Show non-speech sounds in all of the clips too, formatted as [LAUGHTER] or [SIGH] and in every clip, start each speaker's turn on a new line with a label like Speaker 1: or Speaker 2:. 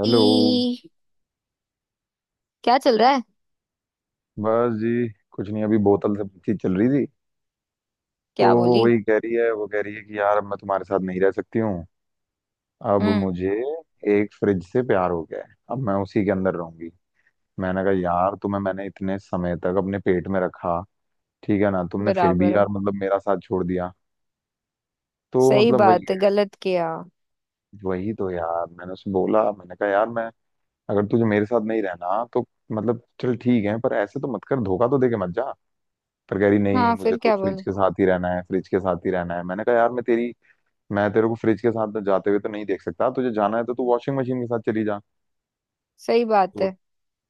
Speaker 1: Hello.
Speaker 2: ई, क्या चल रहा है।
Speaker 1: बस जी कुछ नहीं, अभी बोतल से बातचीत चल रही थी। तो
Speaker 2: क्या
Speaker 1: वो
Speaker 2: बोली?
Speaker 1: वही कह रही है, वो कह रही है कि यार अब मैं तुम्हारे साथ नहीं रह सकती हूँ। अब
Speaker 2: हम्म।
Speaker 1: मुझे एक फ्रिज से प्यार हो गया है, अब मैं उसी के अंदर रहूंगी। मैंने कहा यार तुम्हें मैंने इतने समय तक अपने पेट में रखा, ठीक है ना? तुमने फिर भी
Speaker 2: बराबर है।
Speaker 1: यार मतलब मेरा साथ छोड़ दिया। तो
Speaker 2: सही
Speaker 1: मतलब वही
Speaker 2: बात है,
Speaker 1: है।
Speaker 2: गलत किया।
Speaker 1: वही तो यार, मैंने उसे बोला, मैंने कहा यार मैं, अगर तुझे मेरे साथ नहीं रहना तो मतलब चल ठीक है, पर ऐसे तो मत कर, धोखा तो दे के मत जा। पर कह रही नहीं,
Speaker 2: हाँ,
Speaker 1: मुझे
Speaker 2: फिर
Speaker 1: तो
Speaker 2: क्या
Speaker 1: फ्रिज
Speaker 2: बोले?
Speaker 1: के साथ ही रहना है, फ्रिज के साथ ही रहना है। मैंने कहा यार मैं तेरी, मैं तेरे को फ्रिज के साथ जाते हुए तो नहीं देख सकता, तुझे जाना है तो तू वॉशिंग मशीन के साथ चली जा।
Speaker 2: सही
Speaker 1: तो
Speaker 2: बात
Speaker 1: वो
Speaker 2: है।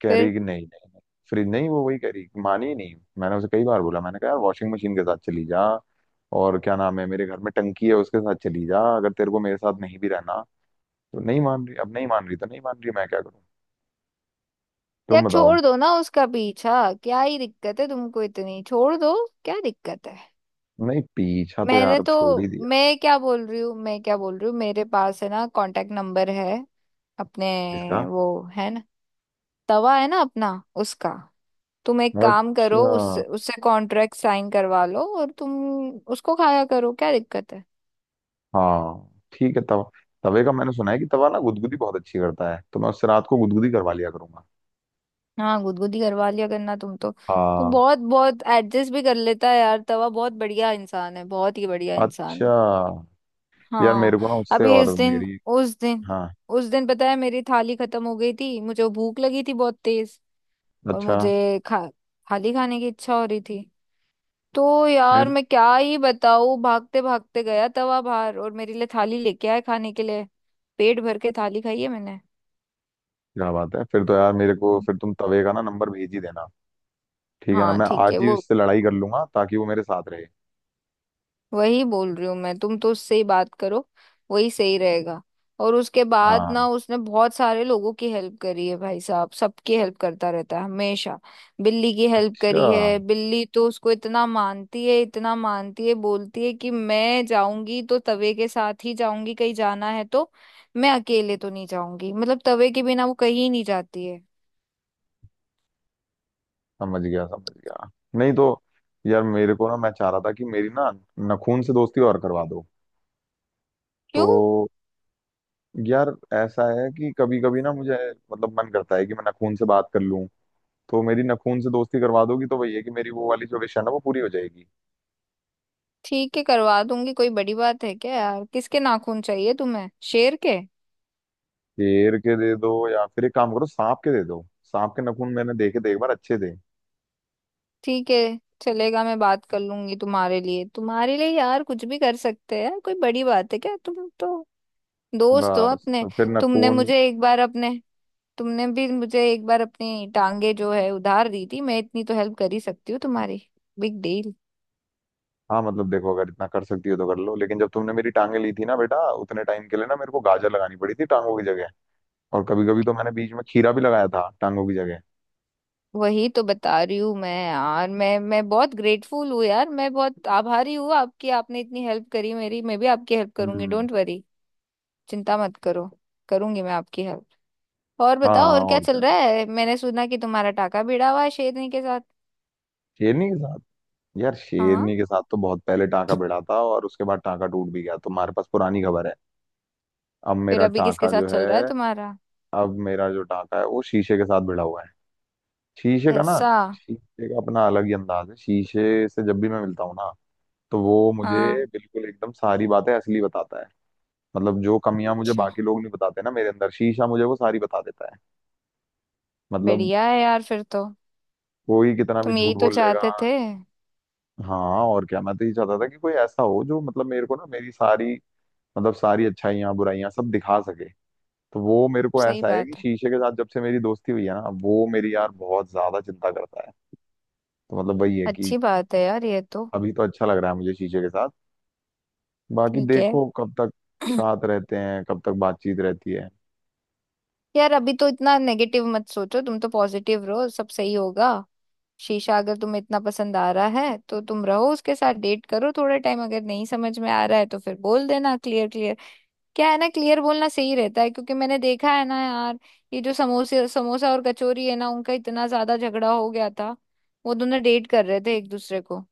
Speaker 1: कह रही
Speaker 2: फिर?
Speaker 1: कि नहीं नहीं नहीं, फ्रिज नहीं, वो वही कह रही, मानी ही नहीं। मैंने उसे कई बार बोला, मैंने कहा यार वॉशिंग मशीन के साथ चली जा, और क्या नाम है, मेरे घर में टंकी है उसके साथ चली जा, अगर तेरे को मेरे साथ नहीं भी रहना। तो नहीं मान रही, अब नहीं मान रही, तो नहीं मान रही, मैं क्या करूं?
Speaker 2: यार,
Speaker 1: तुम बताओ।
Speaker 2: छोड़ दो ना उसका पीछा। क्या ही दिक्कत है तुमको इतनी, छोड़ दो। क्या दिक्कत है?
Speaker 1: नहीं, पीछा तो यार
Speaker 2: मैंने
Speaker 1: अब
Speaker 2: तो।
Speaker 1: छोड़ ही दिया
Speaker 2: मैं क्या बोल रही हूँ, मैं क्या बोल रही हूँ, मेरे पास है ना कांटेक्ट नंबर है। अपने।
Speaker 1: इसका।
Speaker 2: वो है ना। तवा है ना अपना। उसका। तुम एक काम करो,
Speaker 1: अच्छा।
Speaker 2: उस उससे कॉन्ट्रैक्ट साइन करवा लो और तुम उसको खाया करो, क्या दिक्कत है।
Speaker 1: हाँ ठीक है, तवा। तवे का मैंने सुना है कि तवा ना गुदगुदी बहुत अच्छी करता है, तो मैं उससे रात को गुदगुदी करवा लिया करूंगा।
Speaker 2: हाँ, गुदगुदी करवा लिया करना तुम तो। तो
Speaker 1: हाँ।
Speaker 2: बहुत बहुत एडजस्ट भी कर लेता है यार, तवा बहुत बढ़िया इंसान है, बहुत ही बढ़िया इंसान
Speaker 1: अच्छा।
Speaker 2: है।
Speaker 1: यार
Speaker 2: हाँ।
Speaker 1: मेरे को ना उससे
Speaker 2: अभी
Speaker 1: और मेरी।
Speaker 2: उस दिन
Speaker 1: हाँ।
Speaker 2: उस दिन पता है, मेरी थाली खत्म हो गई थी, मुझे भूख लगी थी बहुत तेज। और
Speaker 1: अच्छा।
Speaker 2: मुझे खा थाली खाने की इच्छा हो रही थी। तो यार,
Speaker 1: फिर
Speaker 2: मैं क्या ही बताऊँ, भागते भागते गया तवा बाहर और मेरे लिए थाली लेके आए खाने के लिए। पेट भर के थाली खाई है मैंने।
Speaker 1: क्या बात है, फिर तो यार मेरे को फिर तुम तवे का ना नंबर भेज ही देना। ठीक है ना?
Speaker 2: हाँ
Speaker 1: मैं
Speaker 2: ठीक है,
Speaker 1: आज ही
Speaker 2: वो।
Speaker 1: उससे लड़ाई कर लूंगा ताकि वो मेरे साथ रहे।
Speaker 2: वही बोल रही हूँ मैं, तुम तो उससे ही बात करो। वही सही रहेगा। और उसके बाद
Speaker 1: हाँ।
Speaker 2: ना, उसने बहुत सारे लोगों की हेल्प करी है भाई साहब, सबकी हेल्प करता रहता है हमेशा। बिल्ली की हेल्प
Speaker 1: अच्छा।
Speaker 2: करी है, बिल्ली तो उसको इतना मानती है, इतना मानती है, बोलती है कि मैं जाऊंगी तो तवे के साथ ही जाऊंगी, कहीं जाना है तो। मैं अकेले तो नहीं जाऊंगी, मतलब तवे के बिना वो कहीं नहीं जाती है।
Speaker 1: समझ गया समझ गया। नहीं तो यार मेरे को ना, मैं चाह रहा था कि मेरी ना नखून से दोस्ती और करवा दो।
Speaker 2: क्यों?
Speaker 1: तो यार ऐसा है कि कभी कभी ना मुझे मतलब मन करता है कि मैं नखून से बात कर लूं। तो मेरी नखून से दोस्ती करवा दोगी तो वही है कि मेरी वो वाली जो विश है ना वो पूरी हो जाएगी।
Speaker 2: ठीक है, करवा दूंगी, कोई बड़ी बात है क्या यार, किसके नाखून चाहिए तुम्हें, शेर के?
Speaker 1: शेर के दे दो, या फिर एक काम करो, सांप के दे दो। सांप के नखून मैंने देखे थे एक बार, अच्छे थे।
Speaker 2: ठीक है। चलेगा, मैं बात कर लूंगी तुम्हारे लिए, तुम्हारे लिए यार कुछ भी कर सकते हैं यार, कोई बड़ी बात है क्या, तुम तो दोस्त हो
Speaker 1: बस
Speaker 2: अपने।
Speaker 1: तो फिर
Speaker 2: तुमने
Speaker 1: नखून।
Speaker 2: मुझे एक बार अपने। तुमने भी मुझे एक बार अपनी टांगे जो है उधार दी थी, मैं इतनी तो हेल्प कर ही सकती हूँ तुम्हारी। Big deal.
Speaker 1: हाँ मतलब देखो, अगर इतना कर सकती हो तो कर लो, लेकिन जब तुमने मेरी टांगे ली थी ना बेटा, उतने टाइम के लिए ना मेरे को गाजर लगानी पड़ी थी टांगों की जगह। और कभी कभी तो मैंने बीच में खीरा भी लगाया था टांगों की जगह।
Speaker 2: वही तो बता रही हूँ मैं यार, मैं बहुत ग्रेटफुल हूँ यार, मैं बहुत आभारी हूँ आपकी, आपने इतनी हेल्प करी मेरी, मैं भी आपकी हेल्प करूंगी,
Speaker 1: हम्म।
Speaker 2: Don't worry. चिंता मत करो। करूंगी मैं आपकी हेल्प। और
Speaker 1: हाँ
Speaker 2: बताओ,
Speaker 1: हाँ,
Speaker 2: और क्या
Speaker 1: और
Speaker 2: चल
Speaker 1: क्या।
Speaker 2: रहा है, मैंने सुना कि तुम्हारा टाका भिड़ा हुआ है शेरनी के साथ।
Speaker 1: शेरनी के साथ? यार
Speaker 2: हाँ।
Speaker 1: शेरनी के साथ तो बहुत पहले टांका भिड़ा था, और उसके बाद टांका टूट भी गया। तुम्हारे पास पुरानी खबर है। अब
Speaker 2: फिर
Speaker 1: मेरा
Speaker 2: अभी किसके
Speaker 1: टांका
Speaker 2: साथ
Speaker 1: जो है,
Speaker 2: चल रहा है तुम्हारा?
Speaker 1: अब मेरा जो टांका है वो शीशे के साथ भिड़ा हुआ है। शीशे का ना,
Speaker 2: ऐसा?
Speaker 1: शीशे का अपना अलग ही अंदाज है। शीशे से जब भी मैं मिलता हूँ ना तो वो मुझे
Speaker 2: हाँ।
Speaker 1: बिल्कुल एकदम सारी बातें असली बताता है। मतलब जो कमियां मुझे
Speaker 2: अच्छा।
Speaker 1: बाकी लोग नहीं बताते ना मेरे अंदर, शीशा मुझे वो सारी बता देता है। मतलब
Speaker 2: बढ़िया है यार फिर तो।
Speaker 1: कोई कितना भी
Speaker 2: तुम
Speaker 1: झूठ
Speaker 2: यही तो
Speaker 1: बोल लेगा।
Speaker 2: चाहते थे।
Speaker 1: हाँ और क्या, मैं तो ये चाहता था कि कोई ऐसा हो जो मतलब मेरे को ना मेरी सारी मतलब सारी अच्छाइयाँ बुराइयाँ सब दिखा सके। तो वो मेरे को
Speaker 2: सही
Speaker 1: ऐसा है
Speaker 2: बात
Speaker 1: कि
Speaker 2: है।
Speaker 1: शीशे के साथ जब से मेरी दोस्ती हुई है ना, वो मेरी यार बहुत ज्यादा चिंता करता है। तो मतलब वही है कि
Speaker 2: अच्छी बात है यार, ये तो।
Speaker 1: अभी तो अच्छा लग रहा है मुझे शीशे के साथ। बाकी
Speaker 2: ठीक है।
Speaker 1: देखो कब तक साथ रहते हैं, कब तक बातचीत रहती है।
Speaker 2: यार, अभी तो इतना नेगेटिव मत सोचो, तुम तो पॉजिटिव रहो, सब सही होगा। शीशा अगर तुम्हें इतना पसंद आ रहा है तो तुम रहो उसके साथ, डेट करो थोड़े टाइम, अगर नहीं समझ में आ रहा है तो फिर बोल देना क्लियर क्लियर। क्या है ना, क्लियर बोलना सही रहता है, क्योंकि मैंने देखा है ना यार, ये जो समोसे समोसा और कचौरी है ना, उनका इतना ज्यादा झगड़ा हो गया था। वो दोनों डेट कर रहे थे एक दूसरे को।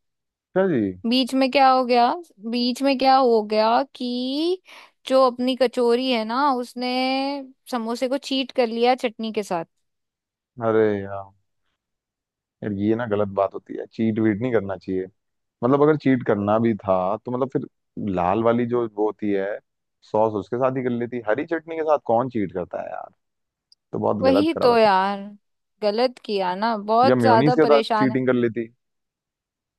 Speaker 1: अच्छा जी।
Speaker 2: बीच में क्या हो गया? बीच में क्या हो गया कि जो अपनी कचौरी है ना, उसने समोसे को चीट कर लिया चटनी के साथ।
Speaker 1: अरे यार, यार ये ना गलत बात होती है, चीट वीट नहीं करना चाहिए। मतलब अगर चीट करना भी था तो मतलब फिर लाल वाली जो वो होती है, सॉस, उसके साथ ही कर लेती। हरी चटनी के साथ कौन चीट करता है यार? तो बहुत गलत
Speaker 2: वही
Speaker 1: करा।
Speaker 2: तो यार, गलत किया ना,
Speaker 1: या
Speaker 2: बहुत
Speaker 1: म्योनीस
Speaker 2: ज्यादा
Speaker 1: के साथ
Speaker 2: परेशान है।
Speaker 1: चीटिंग कर लेती।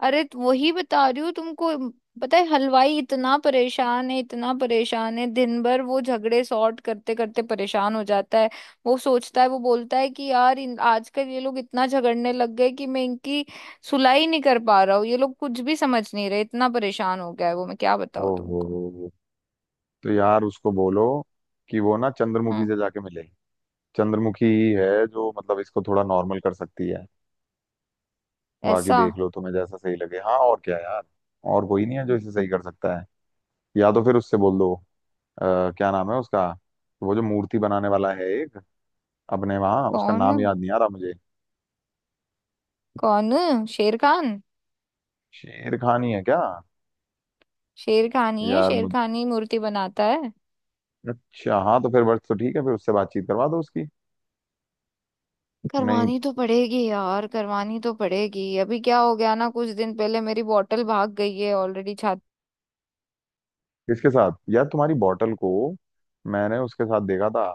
Speaker 2: अरे तो वही बता रही हूँ तुमको पता है, हलवाई इतना परेशान है, इतना परेशान है, दिन भर वो झगड़े सॉर्ट करते करते परेशान हो जाता है। वो सोचता है, वो बोलता है कि यार, इन आजकल ये लोग इतना झगड़ने लग गए कि मैं इनकी सुलाई नहीं कर पा रहा हूँ, ये लोग कुछ भी समझ नहीं रहे, इतना परेशान हो गया है वो, मैं क्या बताऊँ तुमको।
Speaker 1: ओहो। तो यार उसको बोलो कि वो ना चंद्रमुखी
Speaker 2: हाँ।
Speaker 1: से जाके मिले। चंद्रमुखी ही है जो मतलब इसको थोड़ा नॉर्मल कर सकती है। बाकी
Speaker 2: ऐसा?
Speaker 1: देख लो, तुम्हें जैसा सही लगे। हाँ और क्या यार, और कोई नहीं है जो इसे सही कर सकता है। या तो फिर उससे बोल दो, क्या नाम है उसका, वो जो मूर्ति बनाने वाला है एक, अपने वहां, उसका नाम
Speaker 2: कौन?
Speaker 1: याद नहीं आ रहा मुझे।
Speaker 2: कौन? शेर खान?
Speaker 1: शेर खान ही है क्या?
Speaker 2: शेर खान ही है,
Speaker 1: यार
Speaker 2: शेर
Speaker 1: मुझ...
Speaker 2: खान ही मूर्ति बनाता है।
Speaker 1: अच्छा हाँ तो फिर बस तो ठीक है, फिर उससे बातचीत करवा दो उसकी। नहीं,
Speaker 2: करवानी तो पड़ेगी यार, करवानी तो पड़ेगी, अभी क्या हो गया ना, कुछ दिन पहले मेरी बॉटल भाग गई है ऑलरेडी, छात।
Speaker 1: किसके साथ यार तुम्हारी बॉटल को? मैंने उसके साथ देखा था,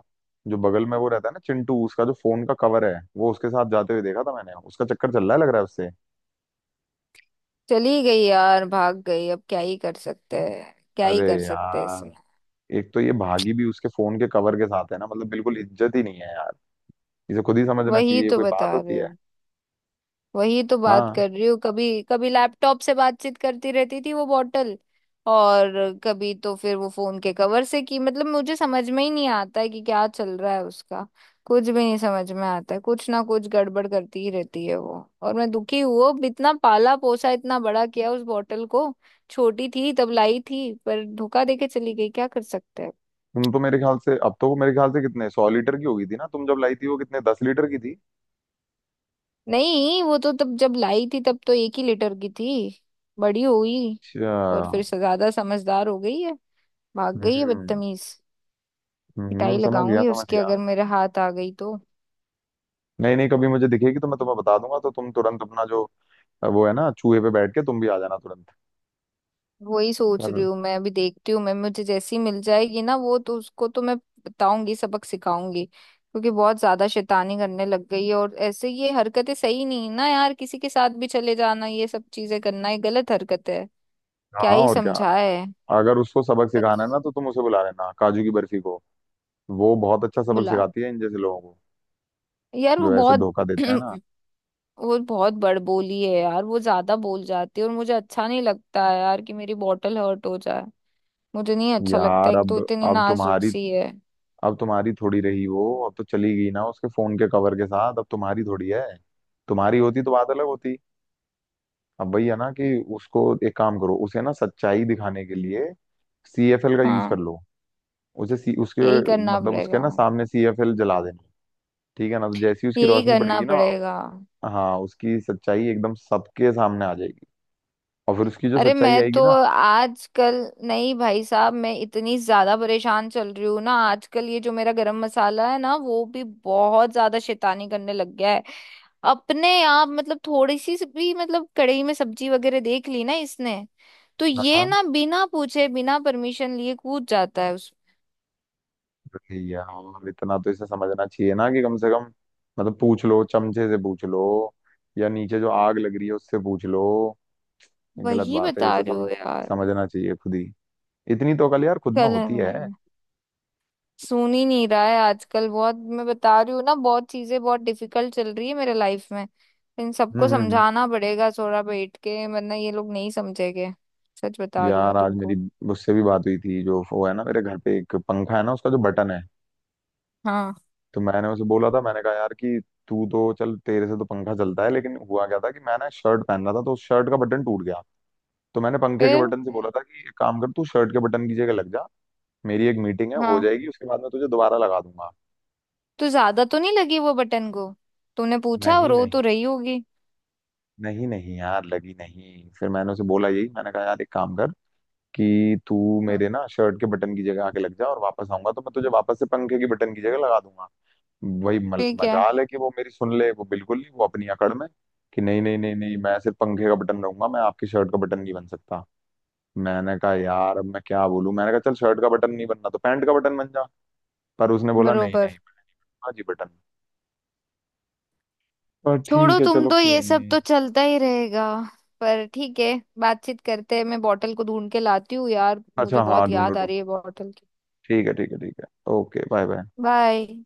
Speaker 1: जो बगल में वो रहता है ना चिंटू, उसका जो फोन का कवर है, वो उसके साथ जाते हुए देखा था मैंने। उसका चक्कर चल रहा है लग रहा है उससे।
Speaker 2: चली गई यार, भाग गई, अब क्या ही कर सकते हैं, क्या ही
Speaker 1: अरे
Speaker 2: कर सकते हैं
Speaker 1: यार,
Speaker 2: इसमें।
Speaker 1: एक तो ये भागी भी उसके फोन के कवर के साथ है ना, मतलब बिल्कुल इज्जत ही नहीं है यार। इसे खुद ही समझना
Speaker 2: वही
Speaker 1: चाहिए, ये
Speaker 2: तो
Speaker 1: कोई
Speaker 2: बता
Speaker 1: बात होती
Speaker 2: रहे
Speaker 1: है?
Speaker 2: हो। वही तो बात
Speaker 1: हाँ।
Speaker 2: कर रही हूँ, कभी कभी लैपटॉप से बातचीत करती रहती थी वो बॉटल। और कभी तो फिर वो फोन के कवर से की, मतलब मुझे समझ में ही नहीं आता है कि क्या चल रहा है उसका। कुछ भी नहीं समझ में आता है, कुछ ना कुछ गड़बड़ करती ही रहती है वो। और मैं दुखी हुआ, अब इतना पाला पोसा, इतना बड़ा किया उस बॉटल को। छोटी थी तब लाई थी, पर धोखा देके चली गई, क्या कर सकते हैं।
Speaker 1: तुम तो मेरे ख्याल से अब तो वो मेरे ख्याल से कितने सौ लीटर की हो गई थी ना, तुम जब लाई थी वो कितने दस लीटर की थी?
Speaker 2: नहीं, वो तो तब जब लाई थी तब तो एक ही लीटर की थी। बड़ी हुई।
Speaker 1: अच्छा।
Speaker 2: और फिर ज्यादा समझदार हो गई है। भाग गई है
Speaker 1: हम्म।
Speaker 2: बदतमीज। पिटाई
Speaker 1: समझ गया
Speaker 2: लगाऊंगी
Speaker 1: समझ
Speaker 2: उसके,
Speaker 1: गया।
Speaker 2: अगर मेरे हाथ आ गई तो।
Speaker 1: नहीं नहीं, कभी मुझे दिखेगी तो मैं तुम्हें बता दूंगा, तो तुम तुरंत अपना जो, अब वो है ना चूहे पे बैठ के तुम भी आ जाना तुरंत।
Speaker 2: वही सोच रही
Speaker 1: हाँ
Speaker 2: हूँ मैं, अभी देखती हूँ मैं, मुझे जैसी मिल जाएगी ना, वो तो उसको तो मैं बताऊंगी, सबक सिखाऊंगी, क्योंकि बहुत ज्यादा शैतानी करने लग गई है, और ऐसे ये हरकतें सही नहीं है ना यार, किसी के साथ भी चले जाना, ये सब चीजें करना, ये गलत हरकत है। क्या
Speaker 1: हाँ
Speaker 2: ही
Speaker 1: और क्या।
Speaker 2: समझाए।
Speaker 1: अगर उसको सबक सिखाना है
Speaker 2: बस।
Speaker 1: ना तो तुम उसे बुला लेना, काजू की बर्फी को। वो बहुत अच्छा सबक
Speaker 2: बुला।
Speaker 1: सिखाती है इन जैसे लोगों को
Speaker 2: यार वो
Speaker 1: जो ऐसे
Speaker 2: बहुत
Speaker 1: धोखा देते हैं ना।
Speaker 2: [CLEARS THROAT] वो बहुत बड़बोली है यार, वो ज्यादा बोल जाती है और मुझे अच्छा नहीं लगता है यार कि मेरी बॉटल हर्ट हो जाए। मुझे नहीं अच्छा लगता,
Speaker 1: यार
Speaker 2: एक
Speaker 1: अब
Speaker 2: तो इतनी
Speaker 1: अब
Speaker 2: नाजुक
Speaker 1: तुम्हारी,
Speaker 2: सी है।
Speaker 1: अब तुम्हारी थोड़ी रही वो, अब तो चली गई ना उसके फोन के कवर के साथ, अब तुम्हारी थोड़ी है। तुम्हारी होती तो बात अलग होती। अब वही है ना कि उसको एक काम करो, उसे ना सच्चाई दिखाने के लिए सीएफएल का यूज कर
Speaker 2: हाँ।
Speaker 1: लो। उसके
Speaker 2: यही करना
Speaker 1: मतलब उसके
Speaker 2: पड़ेगा।
Speaker 1: ना सामने सीएफएल जला देना। ठीक है ना? तो जैसी उसकी
Speaker 2: यही
Speaker 1: रोशनी
Speaker 2: करना
Speaker 1: पड़ेगी ना,
Speaker 2: पड़ेगा।
Speaker 1: हाँ, उसकी सच्चाई एकदम सबके सामने आ जाएगी। और फिर उसकी जो
Speaker 2: अरे,
Speaker 1: सच्चाई
Speaker 2: मैं
Speaker 1: आएगी
Speaker 2: तो
Speaker 1: ना,
Speaker 2: आजकल। नहीं भाई साहब, मैं इतनी ज्यादा परेशान चल रही हूँ ना आजकल, ये जो मेरा गरम मसाला है ना, वो भी बहुत ज्यादा शैतानी करने लग गया है। अपने आप, मतलब थोड़ी सी भी, मतलब कढ़ाई में सब्जी वगैरह देख ली ना इसने, तो ये
Speaker 1: हाँ।
Speaker 2: ना बिना पूछे बिना परमिशन लिए कूद जाता है उस।
Speaker 1: भैया और इतना तो इसे समझना चाहिए ना कि कम से कम मतलब पूछ लो, चमचे से पूछ लो, या नीचे जो आग लग रही है उससे पूछ लो। गलत
Speaker 2: वही
Speaker 1: बात है,
Speaker 2: बता रही हो यार।
Speaker 1: समझना चाहिए खुद ही। इतनी तो कल यार खुद में
Speaker 2: कलर।
Speaker 1: होती है।
Speaker 2: सुन ही नहीं रहा है आजकल बहुत, मैं बता रही हूँ ना, बहुत चीजें बहुत डिफिकल्ट चल रही है मेरे लाइफ में। इन सबको
Speaker 1: हम्म।
Speaker 2: समझाना पड़ेगा थोड़ा बैठ के, वरना ये लोग नहीं समझेंगे। सच बता रही हूँ
Speaker 1: यार
Speaker 2: मैं
Speaker 1: आज मेरी
Speaker 2: तुमको।
Speaker 1: उससे भी बात हुई थी, जो वो है ना मेरे घर पे एक पंखा है ना उसका जो बटन है।
Speaker 2: हाँ।
Speaker 1: तो मैंने उसे बोला था, मैंने कहा यार कि तू तो चल, तेरे से तो पंखा चलता है, लेकिन हुआ क्या था कि मैंने शर्ट पहन रहा था तो उस शर्ट का बटन टूट गया। तो मैंने पंखे के
Speaker 2: फिर?
Speaker 1: बटन से बोला था कि एक काम कर, तू शर्ट के बटन की जगह लग जा। मेरी एक मीटिंग है, हो
Speaker 2: हाँ।
Speaker 1: जाएगी उसके बाद मैं तुझे दोबारा लगा दूंगा।
Speaker 2: तो ज्यादा तो नहीं लगी वो बटन को? तूने पूछा, और
Speaker 1: नहीं
Speaker 2: रो
Speaker 1: नहीं।
Speaker 2: तो रही होगी।
Speaker 1: नहीं नहीं यार लगी नहीं। फिर मैंने उसे बोला, यही मैंने कहा यार एक काम कर कि तू
Speaker 2: हम्म।
Speaker 1: मेरे ना शर्ट के बटन की जगह आके लग जा, और वापस आऊंगा तो मैं तुझे वापस से पंखे की बटन की जगह लगा दूंगा। वही
Speaker 2: ठीक है।
Speaker 1: मजाल है कि वो मेरी सुन ले, वो बिल्कुल नहीं, वो अपनी अकड़ में कि नहीं नहीं नहीं नहीं मैं सिर्फ पंखे का बटन रहूंगा, मैं आपकी शर्ट का बटन नहीं बन सकता। मैंने कहा यार अब मैं क्या बोलूं, मैंने कहा चल शर्ट का बटन नहीं बनना तो पैंट का बटन बन जा। पर उसने बोला नहीं
Speaker 2: बरोबर।
Speaker 1: नहीं। हाँ जी बटन। पर
Speaker 2: छोड़ो,
Speaker 1: ठीक है,
Speaker 2: तुम
Speaker 1: चलो
Speaker 2: तो ये
Speaker 1: कोई
Speaker 2: सब
Speaker 1: नहीं।
Speaker 2: तो चलता ही रहेगा। पर ठीक है। बातचीत करते हैं, मैं बॉटल को ढूंढ के लाती हूँ यार, मुझे
Speaker 1: अच्छा हाँ,
Speaker 2: बहुत
Speaker 1: ढूंढो
Speaker 2: याद आ रही
Speaker 1: ढूंढो।
Speaker 2: है बॉटल की।
Speaker 1: ठीक है ठीक है ठीक है। Okay, bye bye.
Speaker 2: बाय।